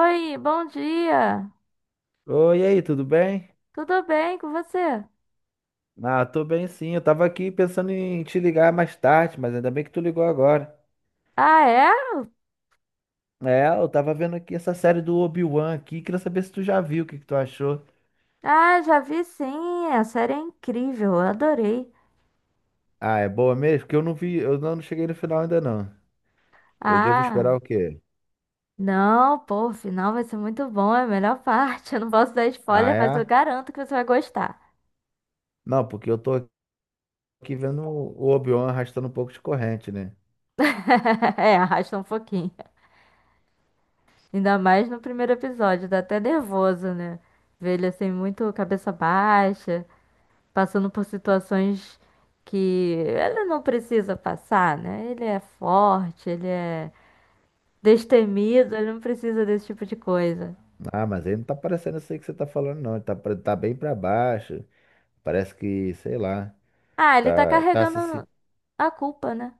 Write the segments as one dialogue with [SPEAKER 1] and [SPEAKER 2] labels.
[SPEAKER 1] Oi, bom dia.
[SPEAKER 2] Oi, e aí, tudo bem?
[SPEAKER 1] Tudo bem com você?
[SPEAKER 2] Ah, tô bem sim. Eu tava aqui pensando em te ligar mais tarde, mas ainda bem que tu ligou agora.
[SPEAKER 1] Ah, é?
[SPEAKER 2] É, eu tava vendo aqui essa série do Obi-Wan aqui, queria saber se tu já viu, o que que tu achou.
[SPEAKER 1] Ah, já vi sim. A série é incrível, eu adorei.
[SPEAKER 2] Ah, é boa mesmo? Porque eu não vi, eu não cheguei no final ainda não. Eu devo
[SPEAKER 1] Ah,
[SPEAKER 2] esperar o quê?
[SPEAKER 1] não, pô, o final vai ser muito bom, é a melhor parte. Eu não posso dar
[SPEAKER 2] Ah,
[SPEAKER 1] spoiler, mas eu
[SPEAKER 2] é?
[SPEAKER 1] garanto que você vai gostar.
[SPEAKER 2] Não, porque eu tô aqui vendo o Obi-Wan arrastando um pouco de corrente, né?
[SPEAKER 1] É, arrasta um pouquinho. Ainda mais no primeiro episódio, dá até nervoso, né? Ver ele assim, muito cabeça baixa, passando por situações que ele não precisa passar, né? Ele é forte, ele é. Destemido, ele não precisa desse tipo de coisa.
[SPEAKER 2] Ah, mas ele não tá parecendo isso aí que você tá falando, não. Ele tá, tá bem pra baixo. Parece que, sei lá,
[SPEAKER 1] Ah, ele tá
[SPEAKER 2] tá, tá se
[SPEAKER 1] carregando a culpa, né?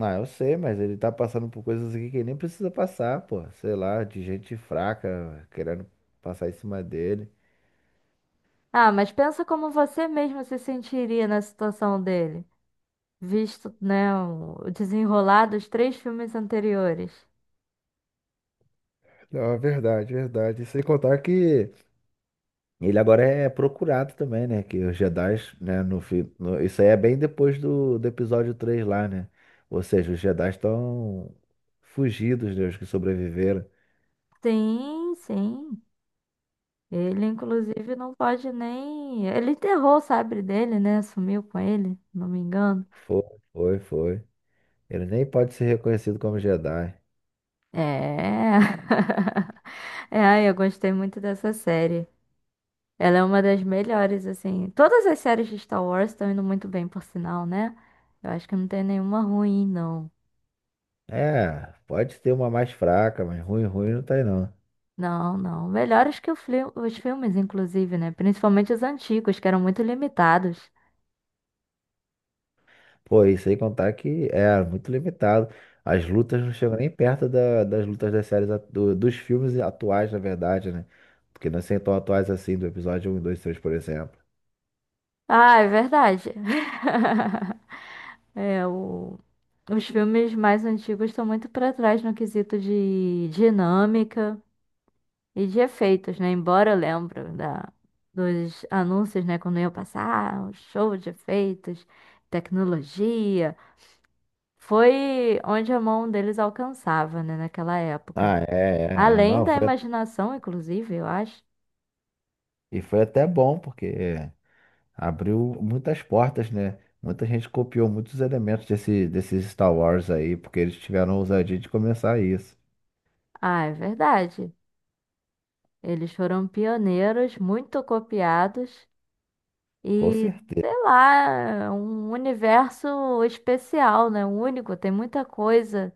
[SPEAKER 2] Ah, eu sei, mas ele tá passando por coisas aqui que ele nem precisa passar, pô. Sei lá, de gente fraca querendo passar em cima dele.
[SPEAKER 1] Ah, mas pensa como você mesmo se sentiria na situação dele, visto, né, o desenrolar dos três filmes anteriores.
[SPEAKER 2] Não, é verdade, é verdade. Sem contar que. Ele agora é procurado também, né? Que os Jedi, né, isso aí é bem depois do episódio 3 lá, né? Ou seja, os Jedi estão fugidos, né? Os que sobreviveram.
[SPEAKER 1] Sim, sim. Ele, inclusive, não pode nem. Ele enterrou o sabre dele, né? Sumiu com ele, não me engano.
[SPEAKER 2] Foi, foi, foi. Ele nem pode ser reconhecido como Jedi.
[SPEAKER 1] É. É, ai, eu gostei muito dessa série. Ela é uma das melhores, assim. Todas as séries de Star Wars estão indo muito bem, por sinal, né? Eu acho que não tem nenhuma ruim, não.
[SPEAKER 2] É, pode ter uma mais fraca, mas ruim, ruim não tem não.
[SPEAKER 1] Não, não. Melhores que o os filmes, inclusive, né? Principalmente os antigos, que eram muito limitados.
[SPEAKER 2] Pô, e sem contar que era muito limitado. As lutas não chegam nem perto das lutas das séries, dos filmes atuais, na verdade, né? Porque não são tão atuais assim, do episódio um, dois, três, por exemplo.
[SPEAKER 1] Ah, é verdade. É, o... Os filmes mais antigos estão muito para trás no quesito de dinâmica. E de efeitos, né? Embora eu lembro da, dos anúncios, né? Quando ia passar, o show de efeitos, tecnologia. Foi onde a mão deles alcançava, né? Naquela época.
[SPEAKER 2] Ah, é, é, é.
[SPEAKER 1] Além
[SPEAKER 2] Não,
[SPEAKER 1] da
[SPEAKER 2] foi,
[SPEAKER 1] imaginação, inclusive, eu acho.
[SPEAKER 2] e foi até bom, porque abriu muitas portas, né? Muita gente copiou muitos elementos desses Star Wars aí, porque eles tiveram a ousadia de começar isso.
[SPEAKER 1] Ah, é verdade. Eles foram pioneiros, muito copiados
[SPEAKER 2] Com
[SPEAKER 1] e, sei
[SPEAKER 2] certeza.
[SPEAKER 1] lá, um universo especial, né? Único, tem muita coisa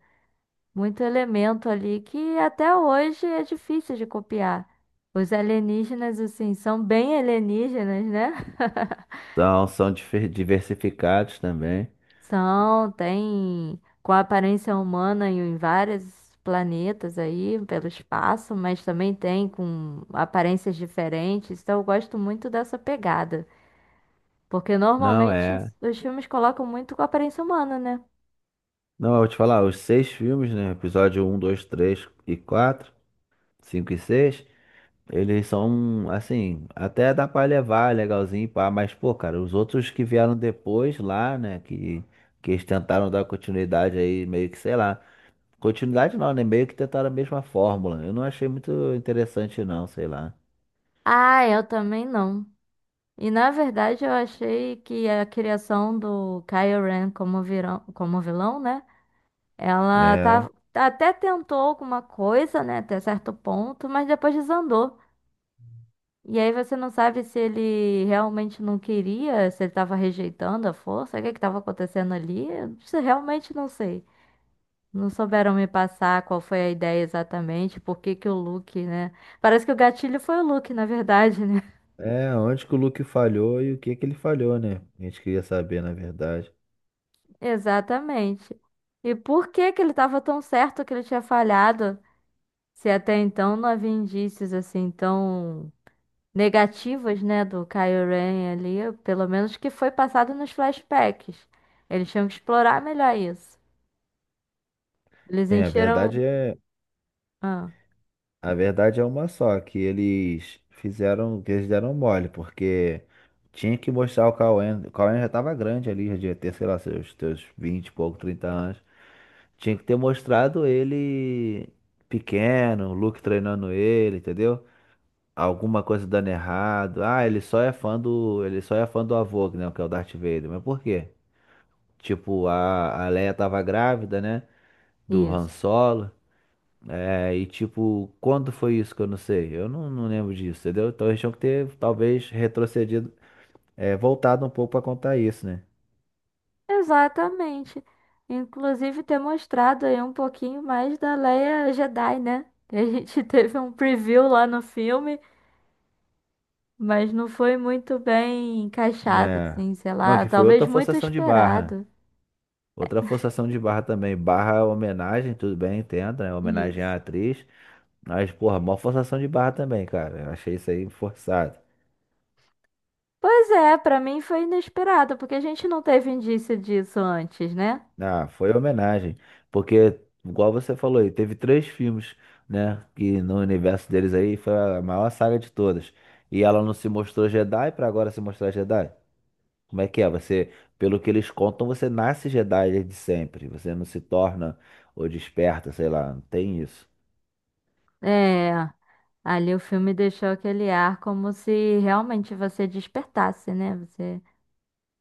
[SPEAKER 1] muito elemento ali que até hoje é difícil de copiar. Os alienígenas, assim, são bem alienígenas, né?
[SPEAKER 2] Então, são diversificados também.
[SPEAKER 1] São, tem com aparência humana em vários planetas aí, pelo espaço, mas também tem com aparências diferentes. Então eu gosto muito dessa pegada. Porque
[SPEAKER 2] Não
[SPEAKER 1] normalmente
[SPEAKER 2] é.
[SPEAKER 1] os filmes colocam muito com aparência humana, né?
[SPEAKER 2] Não, eu vou te falar, os 6 filmes, né? Episódio um, 2, 3 e 4, 5 e 6. Eles são, assim, até dá pra levar, legalzinho, pá, mas, pô, cara, os outros que vieram depois lá, né? Que eles tentaram dar continuidade aí, meio que, sei lá. Continuidade não, né? Meio que tentaram a mesma fórmula. Eu não achei muito interessante, não, sei lá.
[SPEAKER 1] Ah, eu também não. E na verdade eu achei que a criação do Kylo Ren como vilão, né? Ela
[SPEAKER 2] É,
[SPEAKER 1] tá, até tentou alguma coisa, né, até certo ponto, mas depois desandou. E aí você não sabe se ele realmente não queria, se ele tava rejeitando a força, o que é que tava acontecendo ali? Isso eu realmente não sei. Não souberam me passar qual foi a ideia exatamente, por que que o Luke, né? Parece que o gatilho foi o Luke, na verdade, né?
[SPEAKER 2] é onde que o Luke falhou e o que que ele falhou, né? A gente queria saber, na verdade.
[SPEAKER 1] Exatamente. E por que que ele estava tão certo que ele tinha falhado, se até então não havia indícios assim tão negativos, né, do Kylo Ren ali, pelo menos que foi passado nos flashbacks. Eles tinham que explorar melhor isso. Eles
[SPEAKER 2] Bem, a
[SPEAKER 1] encheram,
[SPEAKER 2] verdade é.
[SPEAKER 1] ah,
[SPEAKER 2] A verdade é uma só, que eles fizeram, que eles deram mole, porque tinha que mostrar o Cauê. O Cauê já tava grande ali, já devia ter, sei lá, seus 20 e pouco, 30 anos. Tinha que ter mostrado ele pequeno, o Luke treinando ele, entendeu? Alguma coisa dando errado. Ah, ele só é fã do avô, né, que é o Darth Vader. Mas por quê? Tipo, a Leia tava grávida, né? Do Han
[SPEAKER 1] isso.
[SPEAKER 2] Solo. É. E tipo, quando foi isso que eu não sei? Eu não, não lembro disso, entendeu? Então eles tinham que ter, talvez, retrocedido, é, voltado um pouco pra contar isso, né?
[SPEAKER 1] Exatamente. Inclusive ter mostrado aí um pouquinho mais da Leia Jedi, né? Que a gente teve um preview lá no filme. Mas não foi muito bem encaixado,
[SPEAKER 2] Né?
[SPEAKER 1] assim, sei
[SPEAKER 2] Não,
[SPEAKER 1] lá,
[SPEAKER 2] que foi
[SPEAKER 1] talvez
[SPEAKER 2] outra
[SPEAKER 1] muito
[SPEAKER 2] forçação de barra.
[SPEAKER 1] esperado.
[SPEAKER 2] Outra forçação de barra também. Barra é homenagem, tudo bem, entendo, né? Homenagem
[SPEAKER 1] Isso.
[SPEAKER 2] à atriz. Mas, porra, mó forçação de barra também, cara. Eu achei isso aí forçado.
[SPEAKER 1] Pois é, pra mim foi inesperado, porque a gente não teve indício disso antes, né?
[SPEAKER 2] Ah, foi homenagem. Porque, igual você falou aí, teve 3 filmes, né? Que no universo deles aí foi a maior saga de todas. E ela não se mostrou Jedi pra agora se mostrar Jedi? Como é que é? Você, pelo que eles contam, você nasce Jedi desde sempre. Você não se torna ou desperta, sei lá, não tem isso.
[SPEAKER 1] É, ali o filme deixou aquele ar como se realmente você despertasse, né? Você,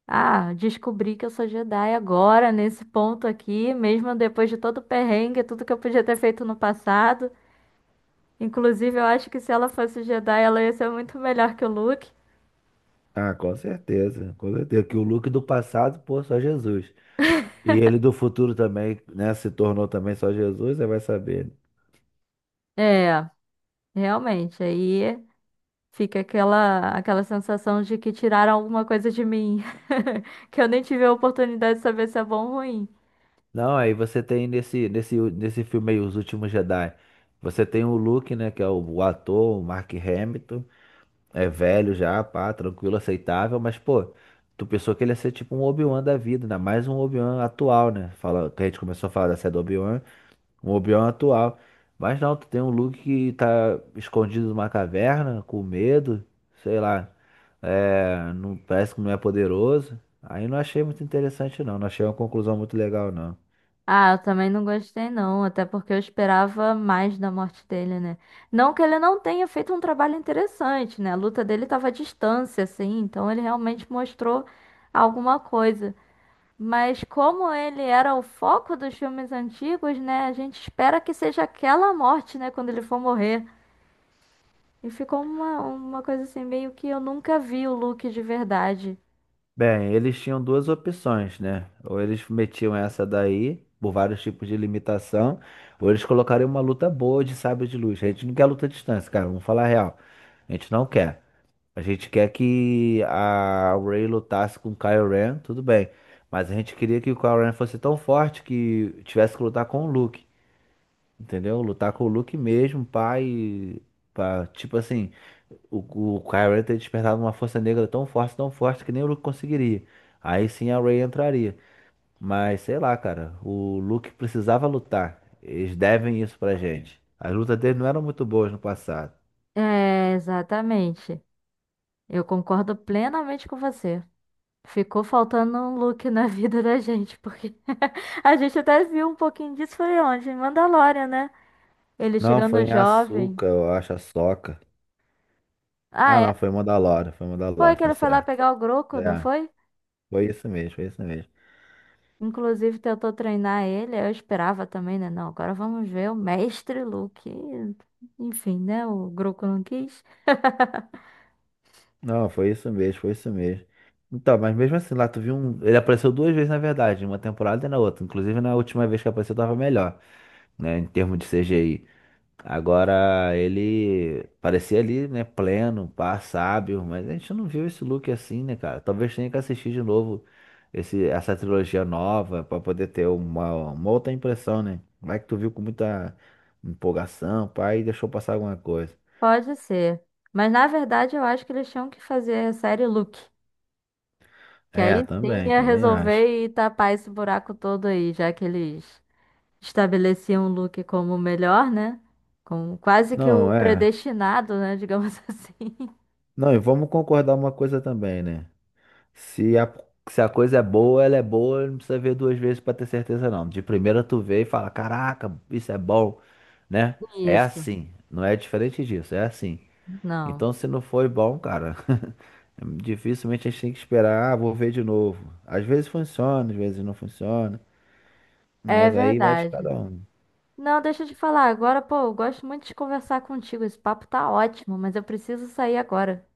[SPEAKER 1] ah, descobri que eu sou Jedi agora, nesse ponto aqui, mesmo depois de todo o perrengue, tudo que eu podia ter feito no passado. Inclusive, eu acho que se ela fosse Jedi, ela ia ser muito melhor que o Luke.
[SPEAKER 2] Ah, com certeza, com certeza. Que o Luke do passado, pô, só Jesus. E ele do futuro também, né? Se tornou também só Jesus, você vai saber.
[SPEAKER 1] É. Realmente, aí fica aquela sensação de que tiraram alguma coisa de mim, que eu nem tive a oportunidade de saber se é bom ou ruim.
[SPEAKER 2] Não, aí você tem nesse filme aí, Os Últimos Jedi, você tem o Luke, né, que é o ator, o Mark Hamilton, é velho já, pá, tranquilo, aceitável, mas, pô, tu pensou que ele ia ser tipo um Obi-Wan da vida, ainda mais um Obi-Wan atual, né, fala, que a gente começou a falar da série do Obi-Wan, um Obi-Wan atual, mas não, tu tem um Luke que tá escondido numa caverna, com medo, sei lá, é, não, parece que não é poderoso, aí não achei muito interessante não, não achei uma conclusão muito legal não.
[SPEAKER 1] Ah, eu também não gostei não, até porque eu esperava mais da morte dele, né? Não que ele não tenha feito um trabalho interessante, né? A luta dele estava à distância, assim, então ele realmente mostrou alguma coisa. Mas como ele era o foco dos filmes antigos, né? A gente espera que seja aquela morte, né? Quando ele for morrer. E ficou uma coisa assim, meio que eu nunca vi o Luke de verdade.
[SPEAKER 2] Bem, eles tinham duas opções, né? Ou eles metiam essa daí, por vários tipos de limitação, ou eles colocariam uma luta boa de sabre de luz. A gente não quer luta à distância, cara, vamos falar a real. A gente não quer. A gente quer que a Ray lutasse com o Kylo Ren, tudo bem. Mas a gente queria que o Kylo Ren fosse tão forte que tivesse que lutar com o Luke, entendeu? Lutar com o Luke mesmo, pai, pá, tipo assim. O Kyrie ter despertado uma força negra tão forte que nem o Luke conseguiria. Aí sim a Ray entraria. Mas sei lá, cara, o Luke precisava lutar. Eles devem isso pra gente. As lutas dele não eram muito boas no passado.
[SPEAKER 1] É, exatamente. Eu concordo plenamente com você. Ficou faltando um Luke na vida da gente, porque a gente até viu um pouquinho disso foi onde? Em Mandalorian, né? Ele
[SPEAKER 2] Não, foi
[SPEAKER 1] chegando
[SPEAKER 2] em
[SPEAKER 1] jovem.
[SPEAKER 2] Asuka, eu acho, a Soca.
[SPEAKER 1] Ah,
[SPEAKER 2] Ah,
[SPEAKER 1] é?
[SPEAKER 2] não, foi em
[SPEAKER 1] Foi
[SPEAKER 2] Mandalore,
[SPEAKER 1] que
[SPEAKER 2] tá
[SPEAKER 1] ele foi lá
[SPEAKER 2] certo.
[SPEAKER 1] pegar o Groco, não
[SPEAKER 2] É,
[SPEAKER 1] foi?
[SPEAKER 2] foi isso mesmo, foi isso mesmo.
[SPEAKER 1] Inclusive tentou treinar ele, eu esperava também, né? Não, agora vamos ver o mestre Luke. Enfim, né? O Groco não quis.
[SPEAKER 2] Não, foi isso mesmo, foi isso mesmo. Então, mas mesmo assim, lá tu viu um. Ele apareceu duas vezes, na verdade, em uma temporada e na outra. Inclusive, na última vez que apareceu, tava melhor, né, em termos de CGI. Agora ele parecia ali, né, pleno, pá, sábio, mas a gente não viu esse look assim, né, cara? Talvez tenha que assistir de novo essa trilogia nova pra poder ter uma outra impressão, né? Vai que tu viu com muita empolgação, pá, e deixou passar alguma coisa.
[SPEAKER 1] Pode ser. Mas na verdade eu acho que eles tinham que fazer a série Look. Que
[SPEAKER 2] É,
[SPEAKER 1] aí sim
[SPEAKER 2] também,
[SPEAKER 1] ia
[SPEAKER 2] também acho.
[SPEAKER 1] resolver e tapar esse buraco todo aí, já que eles estabeleciam o Look como o melhor, né? Como quase que
[SPEAKER 2] Não,
[SPEAKER 1] o
[SPEAKER 2] é.
[SPEAKER 1] predestinado, né? Digamos assim.
[SPEAKER 2] Não, e vamos concordar uma coisa também, né? Se a, se a coisa é boa, ela é boa, não precisa ver duas vezes pra ter certeza não. De primeira tu vê e fala, caraca, isso é bom, né? É
[SPEAKER 1] Isso,
[SPEAKER 2] assim, não é diferente disso, é assim.
[SPEAKER 1] não.
[SPEAKER 2] Então se não foi bom, cara, dificilmente a gente tem que esperar, ah, vou ver de novo. Às vezes funciona, às vezes não funciona,
[SPEAKER 1] É
[SPEAKER 2] mas aí vai de cada
[SPEAKER 1] verdade.
[SPEAKER 2] um.
[SPEAKER 1] Não, deixa eu te falar agora, pô, eu gosto muito de conversar contigo. Esse papo tá ótimo, mas eu preciso sair agora.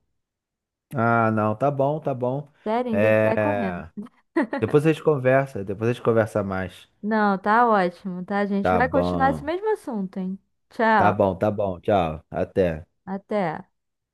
[SPEAKER 2] Ah, não, tá bom, tá bom.
[SPEAKER 1] Sério, ainda vai correndo.
[SPEAKER 2] É, depois a gente conversa, depois a gente conversa mais.
[SPEAKER 1] Não, tá ótimo, tá? A gente
[SPEAKER 2] Tá
[SPEAKER 1] vai continuar esse
[SPEAKER 2] bom,
[SPEAKER 1] mesmo assunto, hein? Tchau.
[SPEAKER 2] tá bom, tchau, até.
[SPEAKER 1] Até.